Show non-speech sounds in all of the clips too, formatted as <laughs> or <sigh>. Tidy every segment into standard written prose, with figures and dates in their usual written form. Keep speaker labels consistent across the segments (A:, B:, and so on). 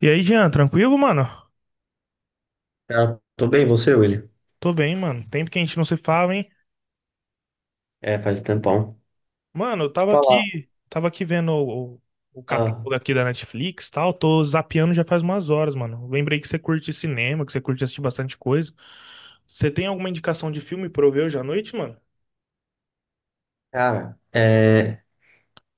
A: E aí, Jean, tranquilo, mano?
B: Cara, tô bem, você, William?
A: Tô bem, mano. Tempo que a gente não se fala, hein?
B: É, faz um tempão.
A: Mano, eu
B: Deixa eu
A: tava
B: falar.
A: aqui, tava aqui vendo o
B: Ah,
A: catálogo aqui da Netflix, e tal. Tô zapeando já faz umas horas, mano. Lembrei que você curte cinema, que você curte assistir bastante coisa. Você tem alguma indicação de filme pra eu ver hoje à noite, mano?
B: cara, é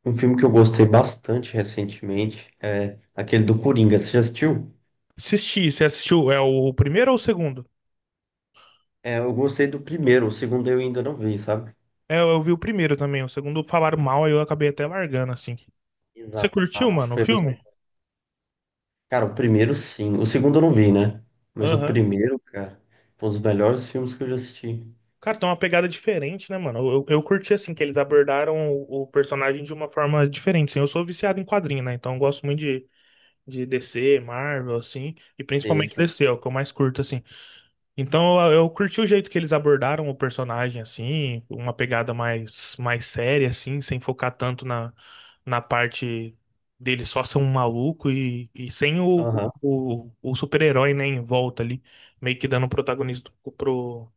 B: um filme que eu gostei bastante recentemente, é aquele do Coringa. Você já assistiu?
A: Assisti, você assistiu? É o primeiro ou o segundo?
B: É, eu gostei do primeiro, o segundo eu ainda não vi, sabe?
A: É, eu vi o primeiro também. O segundo falaram mal, aí eu acabei até largando, assim. Você curtiu,
B: Exato.
A: mano, o
B: Foi a mesma-
A: filme?
B: Cara, o primeiro sim. O segundo eu não vi, né? Mas o
A: Aham.
B: primeiro, cara, foi um dos melhores filmes que eu já assisti.
A: Cara, tem uma pegada diferente, né, mano? Eu curti, assim, que eles abordaram o personagem de uma forma diferente, assim. Eu sou viciado em quadrinho, né? Então eu gosto muito de DC, Marvel, assim, e principalmente
B: Esse.
A: DC, é o que eu mais curto, assim. Então eu curti o jeito que eles abordaram o personagem, assim, uma pegada mais séria, assim, sem focar tanto na parte dele só ser um maluco e sem o,
B: Aham.
A: o, o super-herói, né, em volta ali, meio que dando protagonismo pro,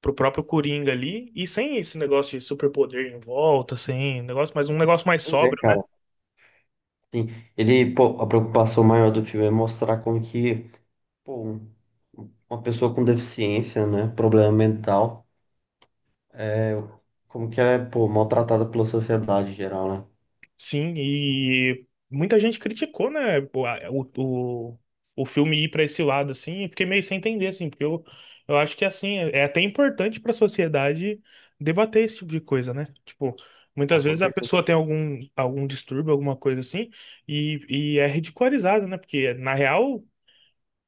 A: pro próprio Coringa ali, e sem esse negócio de superpoder em volta, sem negócio, mas um negócio mais
B: Pois é,
A: sóbrio, né?
B: cara. Sim, ele, pô, a preocupação maior do filme é mostrar como que, pô, uma pessoa com deficiência, né? Problema mental, é, como que é, pô, maltratada pela sociedade em geral, né?
A: Sim, e muita gente criticou, né, o, a- o, o filme ir para esse lado, assim, e fiquei meio sem entender, assim, porque eu acho que, assim, é até importante para a sociedade debater esse tipo de coisa, né? Tipo, muitas
B: Ah, com
A: vezes a
B: certeza.
A: pessoa tem algum distúrbio, alguma coisa assim, e, e é ridicularizado, né? Porque, na real,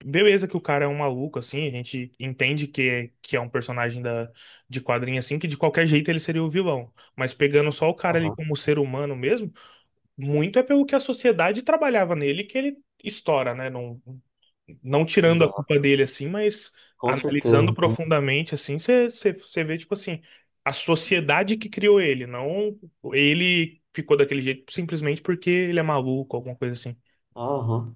A: beleza que o cara é um maluco, assim, a gente entende que é um personagem de quadrinho, assim, que de qualquer jeito ele seria o vilão. Mas pegando só o cara ali
B: Aham,
A: como ser humano mesmo, muito é pelo que a sociedade trabalhava nele que ele estoura, né? Não, não tirando a
B: exato.
A: culpa dele, assim, mas
B: Com
A: analisando
B: certeza, né?
A: profundamente, assim, você vê, tipo assim, a sociedade que criou ele, não ele ficou daquele jeito simplesmente porque ele é maluco, alguma coisa assim.
B: Aham.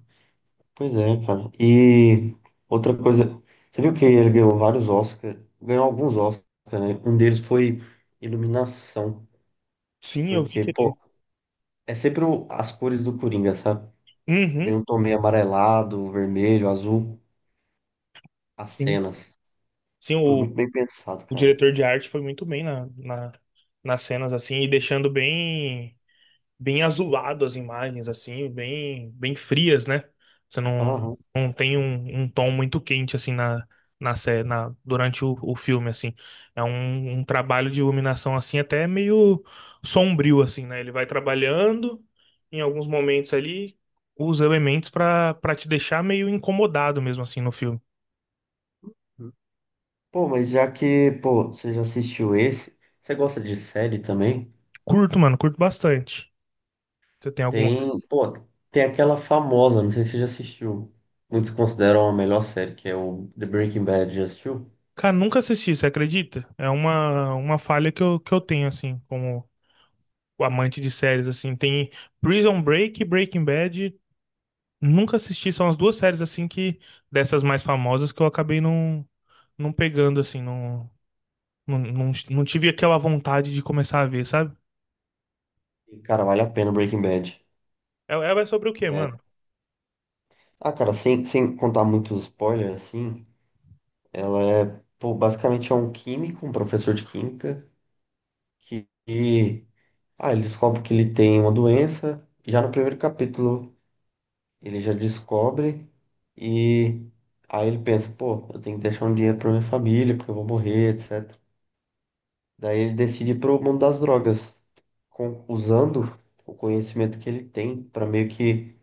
B: Pois é, cara. E outra coisa, você viu que ele ganhou vários Oscars, ganhou alguns Oscars, né? Um deles foi iluminação,
A: Sim, eu vi
B: porque,
A: que
B: pô,
A: ele...
B: é sempre as cores do Coringa, sabe? Meio
A: Uhum,
B: um tom meio amarelado, vermelho, azul, as
A: sim.
B: cenas.
A: Sim,
B: Foi muito
A: o
B: bem pensado,
A: o
B: cara.
A: diretor de arte foi muito bem nas cenas, assim, e deixando bem azulado as imagens, assim, bem frias, né? Você não,
B: Aham.
A: não tem um tom muito quente, assim, durante o filme, assim. É um trabalho de iluminação, assim, até meio sombrio, assim, né? Ele vai trabalhando, em alguns momentos ali, os elementos pra para te deixar meio incomodado mesmo, assim, no filme.
B: Pô, mas já que, pô, você já assistiu esse, você gosta de série também?
A: Curto, mano, curto bastante. Você tem algum...
B: Tem, pô, tem aquela famosa, não sei se você já assistiu. Muitos consideram a melhor série, que é o The Breaking Bad. Já assistiu?
A: Cara, nunca assisti, você acredita? É uma falha que eu tenho, assim, como amante de séries, assim. Tem Prison Break e Breaking Bad. Nunca assisti, são as duas séries, assim, que dessas mais famosas que eu acabei não pegando, assim, não tive aquela vontade de começar a ver, sabe?
B: E, cara, vale a pena Breaking Bad.
A: Ela é sobre o quê, mano?
B: É. Ah, cara, sem contar muitos spoilers, assim, ela é, pô, basicamente é um químico, um professor de química, que, que- ah, ele descobre que ele tem uma doença. E já no primeiro capítulo ele já descobre, e aí ele pensa, pô, eu tenho que deixar um dinheiro pra minha família, porque eu vou morrer, etc. Daí ele decide ir pro mundo das drogas, usando o conhecimento que ele tem pra meio que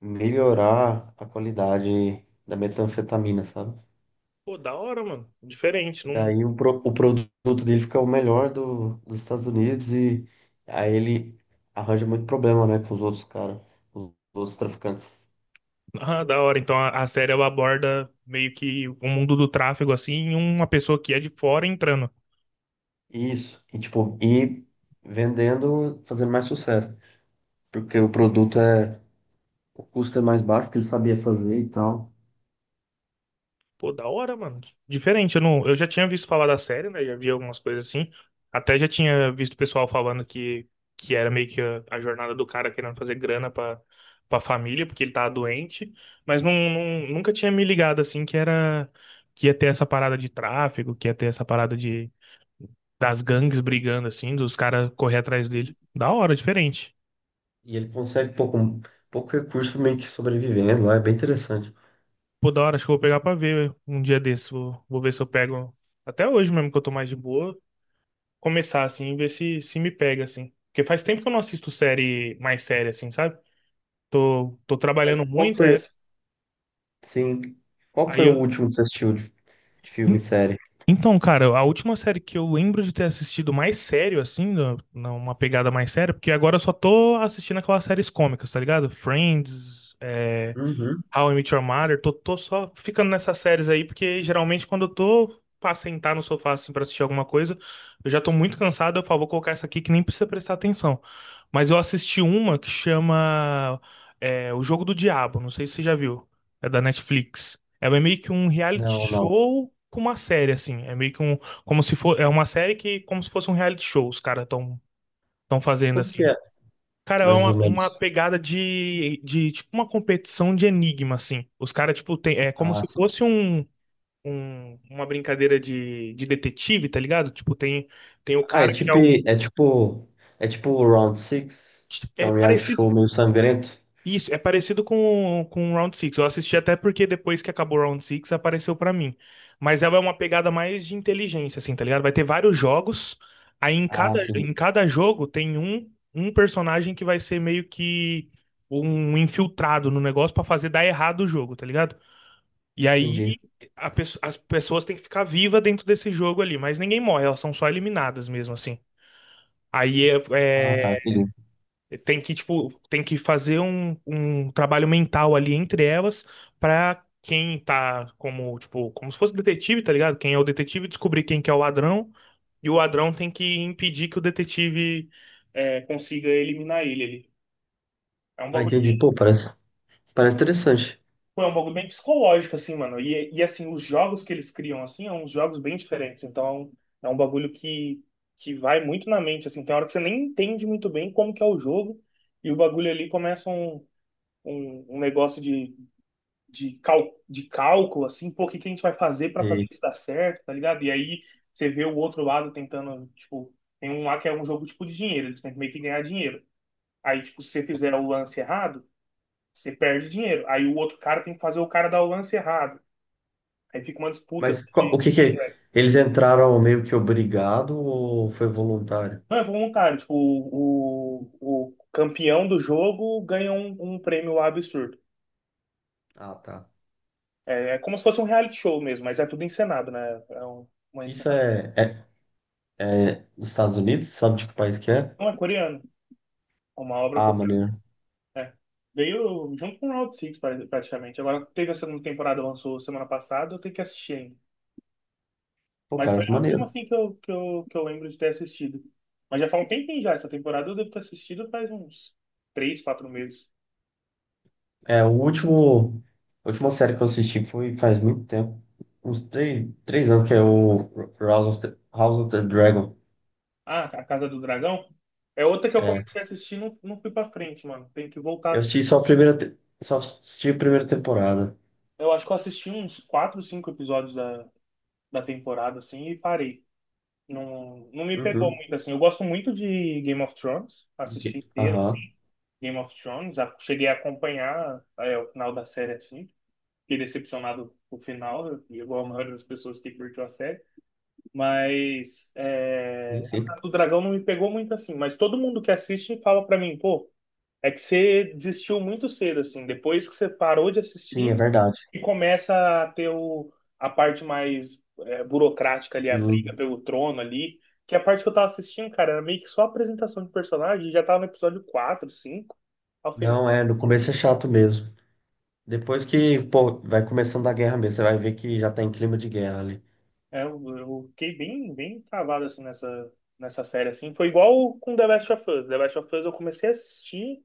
B: melhorar a qualidade da metanfetamina, sabe?
A: Pô, da hora, mano. Diferente, não...
B: Daí
A: <laughs>
B: o produto dele fica o melhor do, dos Estados Unidos, e aí ele arranja muito problema, né, com os outros caras, os outros traficantes.
A: Ah, da hora. Então a série, ela aborda meio que o mundo do tráfego, assim, e uma pessoa que é de fora entrando.
B: Isso, e tipo, e vendendo, fazendo mais sucesso, porque o produto é, o custo é mais baixo, que ele sabia fazer e tal,
A: Pô, da hora, mano. Diferente, eu não, eu já tinha visto falar da série, né? Já vi algumas coisas assim. Até já tinha visto o pessoal falando que era meio que a jornada do cara querendo fazer grana pra família, porque ele tava doente. Mas nunca tinha me ligado assim que era que ia ter essa parada de tráfico, que ia ter essa parada de das gangues brigando assim, dos caras correr atrás dele.
B: e,
A: Da hora, diferente.
B: e ele consegue pouco recurso meio que sobrevivendo lá, é bem interessante.
A: Pô, da hora, acho que eu vou pegar pra ver um dia desse. Vou ver se eu pego. Até hoje mesmo que eu tô mais de boa, começar, assim, e ver se me pega, assim. Porque faz tempo que eu não assisto série mais séria, assim, sabe? Tô
B: É,
A: trabalhando
B: qual
A: muito,
B: foi,
A: é,
B: sim, qual
A: aí
B: foi o
A: eu.
B: último que você assistiu de filme
A: En-
B: e série?
A: Então, cara, a última série que eu lembro de ter assistido mais sério, assim, numa pegada mais séria, porque agora eu só tô assistindo aquelas séries cômicas, tá ligado? Friends,
B: Uhum.
A: How I Met Your Mother, tô só ficando nessas séries aí, porque geralmente quando eu tô pra sentar no sofá assim pra assistir alguma coisa, eu já tô muito cansado, eu falo, vou colocar essa aqui que nem precisa prestar atenção. Mas eu assisti uma que chama O Jogo do Diabo, não sei se você já viu, é da Netflix. É meio que um reality
B: Não, não.
A: show com uma série, assim, é meio que um, como se for, é uma série que, como se fosse um reality show, os caras tão fazendo
B: Como que
A: assim.
B: é?
A: Cara, é
B: Mais ou
A: uma
B: menos.
A: pegada de, tipo, uma competição de enigma, assim. Os caras, tipo, tem, é como
B: Ah,
A: se
B: sim.
A: fosse uma brincadeira de detetive, tá ligado? Tipo, tem o
B: Ah,
A: cara que é o...
B: é tipo, é tipo o Round Six, que é
A: É
B: um reality
A: parecido
B: show meio sangrento.
A: Isso, é parecido com o Round Six. Eu assisti até porque depois que acabou o Round Six apareceu pra mim. Mas ela é uma pegada mais de inteligência, assim, tá ligado? Vai ter vários jogos, aí em
B: Ah,
A: cada,
B: sim,
A: em cada jogo tem um personagem que vai ser meio que um infiltrado no negócio pra fazer dar errado o jogo, tá ligado? E
B: entendi.
A: aí as pessoas têm que ficar vivas dentro desse jogo ali, mas ninguém morre, elas são só eliminadas mesmo, assim. Aí
B: Ah, tá, entendi.
A: tem que, tipo, tem que fazer um trabalho mental ali entre elas pra quem tá tipo, como se fosse detetive, tá ligado? Quem é o detetive descobrir quem que é o ladrão e o ladrão tem que impedir que o detetive consiga eliminar ele ali. É um
B: Ah,
A: bagulho,
B: entendi. Pô, parece interessante.
A: tipo, é um bagulho bem psicológico, assim, mano. E, assim, os jogos que eles criam, assim, são uns jogos bem diferentes. Então, é um bagulho que vai muito na mente, assim. Tem hora que você nem entende muito bem como que é o jogo e o bagulho ali começa um negócio de cálculo, assim, pô, o que que a gente vai fazer para fazer
B: E-
A: isso dar certo, tá ligado? E aí você vê o outro lado tentando, tipo, tem um lá que é um jogo tipo de dinheiro, eles têm que meio que ganhar dinheiro. Aí, tipo, se você fizer o lance errado, você perde dinheiro. Aí o outro cara tem que fazer o cara dar o lance errado. Aí fica uma disputa assim,
B: mas
A: de.
B: o que que é? Eles entraram meio que obrigado ou foi voluntário?
A: Não, é voluntário. Tipo, o campeão do jogo ganha um prêmio lá absurdo.
B: Ah, tá.
A: É, é como se fosse um reality show mesmo, mas é tudo encenado, né? É uma
B: Isso
A: encenação.
B: é, é, é nos Estados Unidos? Sabe de que país que é?
A: Não é coreano, é uma obra
B: Ah,
A: coreana.
B: maneiro.
A: É. Veio junto com o Round Six praticamente. Agora teve a segunda temporada, lançou semana passada, eu tenho que assistir ainda.
B: Pô,
A: Mas foi
B: parece
A: a última
B: maneiro.
A: assim que eu lembro de ter assistido. Mas já faz um tempinho já, essa temporada eu devo ter assistido faz uns 3, 4 meses.
B: É, o último, a última série que eu assisti foi faz muito tempo. Uns três, três anos, que é o House of the Dragon.
A: Ah, A Casa do Dragão é outra que eu
B: É,
A: comecei a assistir e não fui pra frente, mano. Tem que voltar.
B: eu assisti só a primeira, te- só assisti a primeira temporada.
A: Eu acho que eu assisti uns 4, 5 episódios da temporada assim e parei. Não me pegou
B: Uhum.
A: muito assim. Eu gosto muito de Game of Thrones,
B: De
A: assisti
B: quê?
A: inteiro
B: Aham,
A: Game of Thrones, cheguei a acompanhar o final da série assim. Fiquei decepcionado com o final, igual a maioria das pessoas que curtiu a série. Mas
B: sim,
A: a
B: sim.
A: Casa do Dragão não me pegou muito assim. Mas todo mundo que assiste fala pra mim, pô, é que você desistiu muito cedo assim. Depois que você parou de
B: Sim, é
A: assistir,
B: verdade.
A: e começa a ter a parte mais burocrática ali, a briga
B: Sim.
A: pelo trono ali, que é a parte que eu tava assistindo, cara, era meio que só apresentação de personagem, já tava no episódio 4 cinco. Aí eu falei, mano,
B: Não,
A: que
B: é, no
A: bagulho
B: começo é
A: chato.
B: chato mesmo. Depois que, pô, vai começando a guerra mesmo, você vai ver que já tá em clima de guerra ali.
A: Eu fiquei bem travado assim nessa série, assim. Foi igual com The Last of Us. The Last of Us eu comecei a assistir,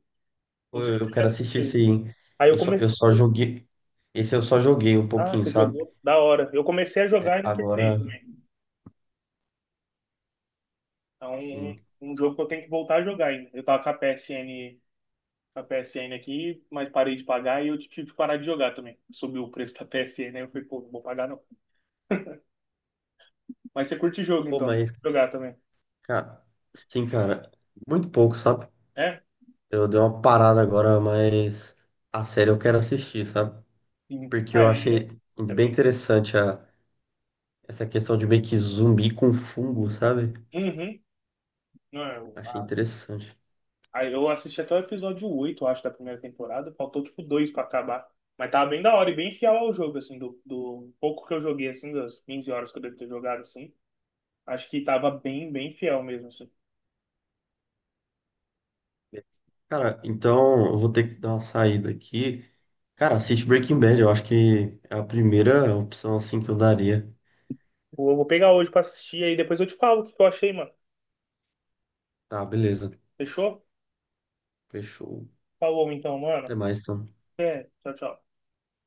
B: Pô,
A: não sei
B: eu
A: se
B: eu
A: você já
B: quero assistir esse,
A: assistiu.
B: hein?
A: Aí eu
B: Eu só
A: comecei.
B: joguei. Esse eu só joguei um
A: Ah,
B: pouquinho,
A: você
B: sabe?
A: jogou? Da hora. Eu comecei a jogar e não terminei
B: Agora,
A: também. Então, um
B: sim.
A: um jogo que eu tenho que voltar a jogar ainda. Eu tava com a PSN na P S N aqui, mas parei de pagar e eu tive que parar de jogar também. Subiu o preço da P PSN, aí eu falei, pô, não vou pagar não. Mas você curte jogo
B: Pô,
A: então, você curte
B: mas,
A: jogar também.
B: cara, sim, cara, muito pouco, sabe?
A: É?
B: Eu dei uma parada agora, mas a série eu quero assistir, sabe?
A: Sim.
B: Porque
A: Ah,
B: eu
A: é, é,
B: achei
A: é
B: bem
A: bem.
B: interessante a, essa questão de meio que zumbi com fungo, sabe?
A: Uhum. Não,
B: Achei interessante.
A: aí eu assisti até o episódio 8, acho, da primeira temporada. Faltou tipo dois pra acabar. Mas tava bem da hora e bem fiel ao jogo, assim, do pouco que eu joguei, assim, das 15 horas que eu devo ter jogado, assim. Acho que tava bem fiel mesmo, assim.
B: Cara, então eu vou ter que dar uma saída aqui. Cara, assiste Breaking Bad, eu acho que é a primeira opção assim que eu daria.
A: Vou pegar hoje pra assistir aí, depois eu te falo o que eu achei, mano.
B: Tá, beleza.
A: Fechou?
B: Fechou.
A: Falou então, mano.
B: Até mais, então.
A: É, tchau, tchau.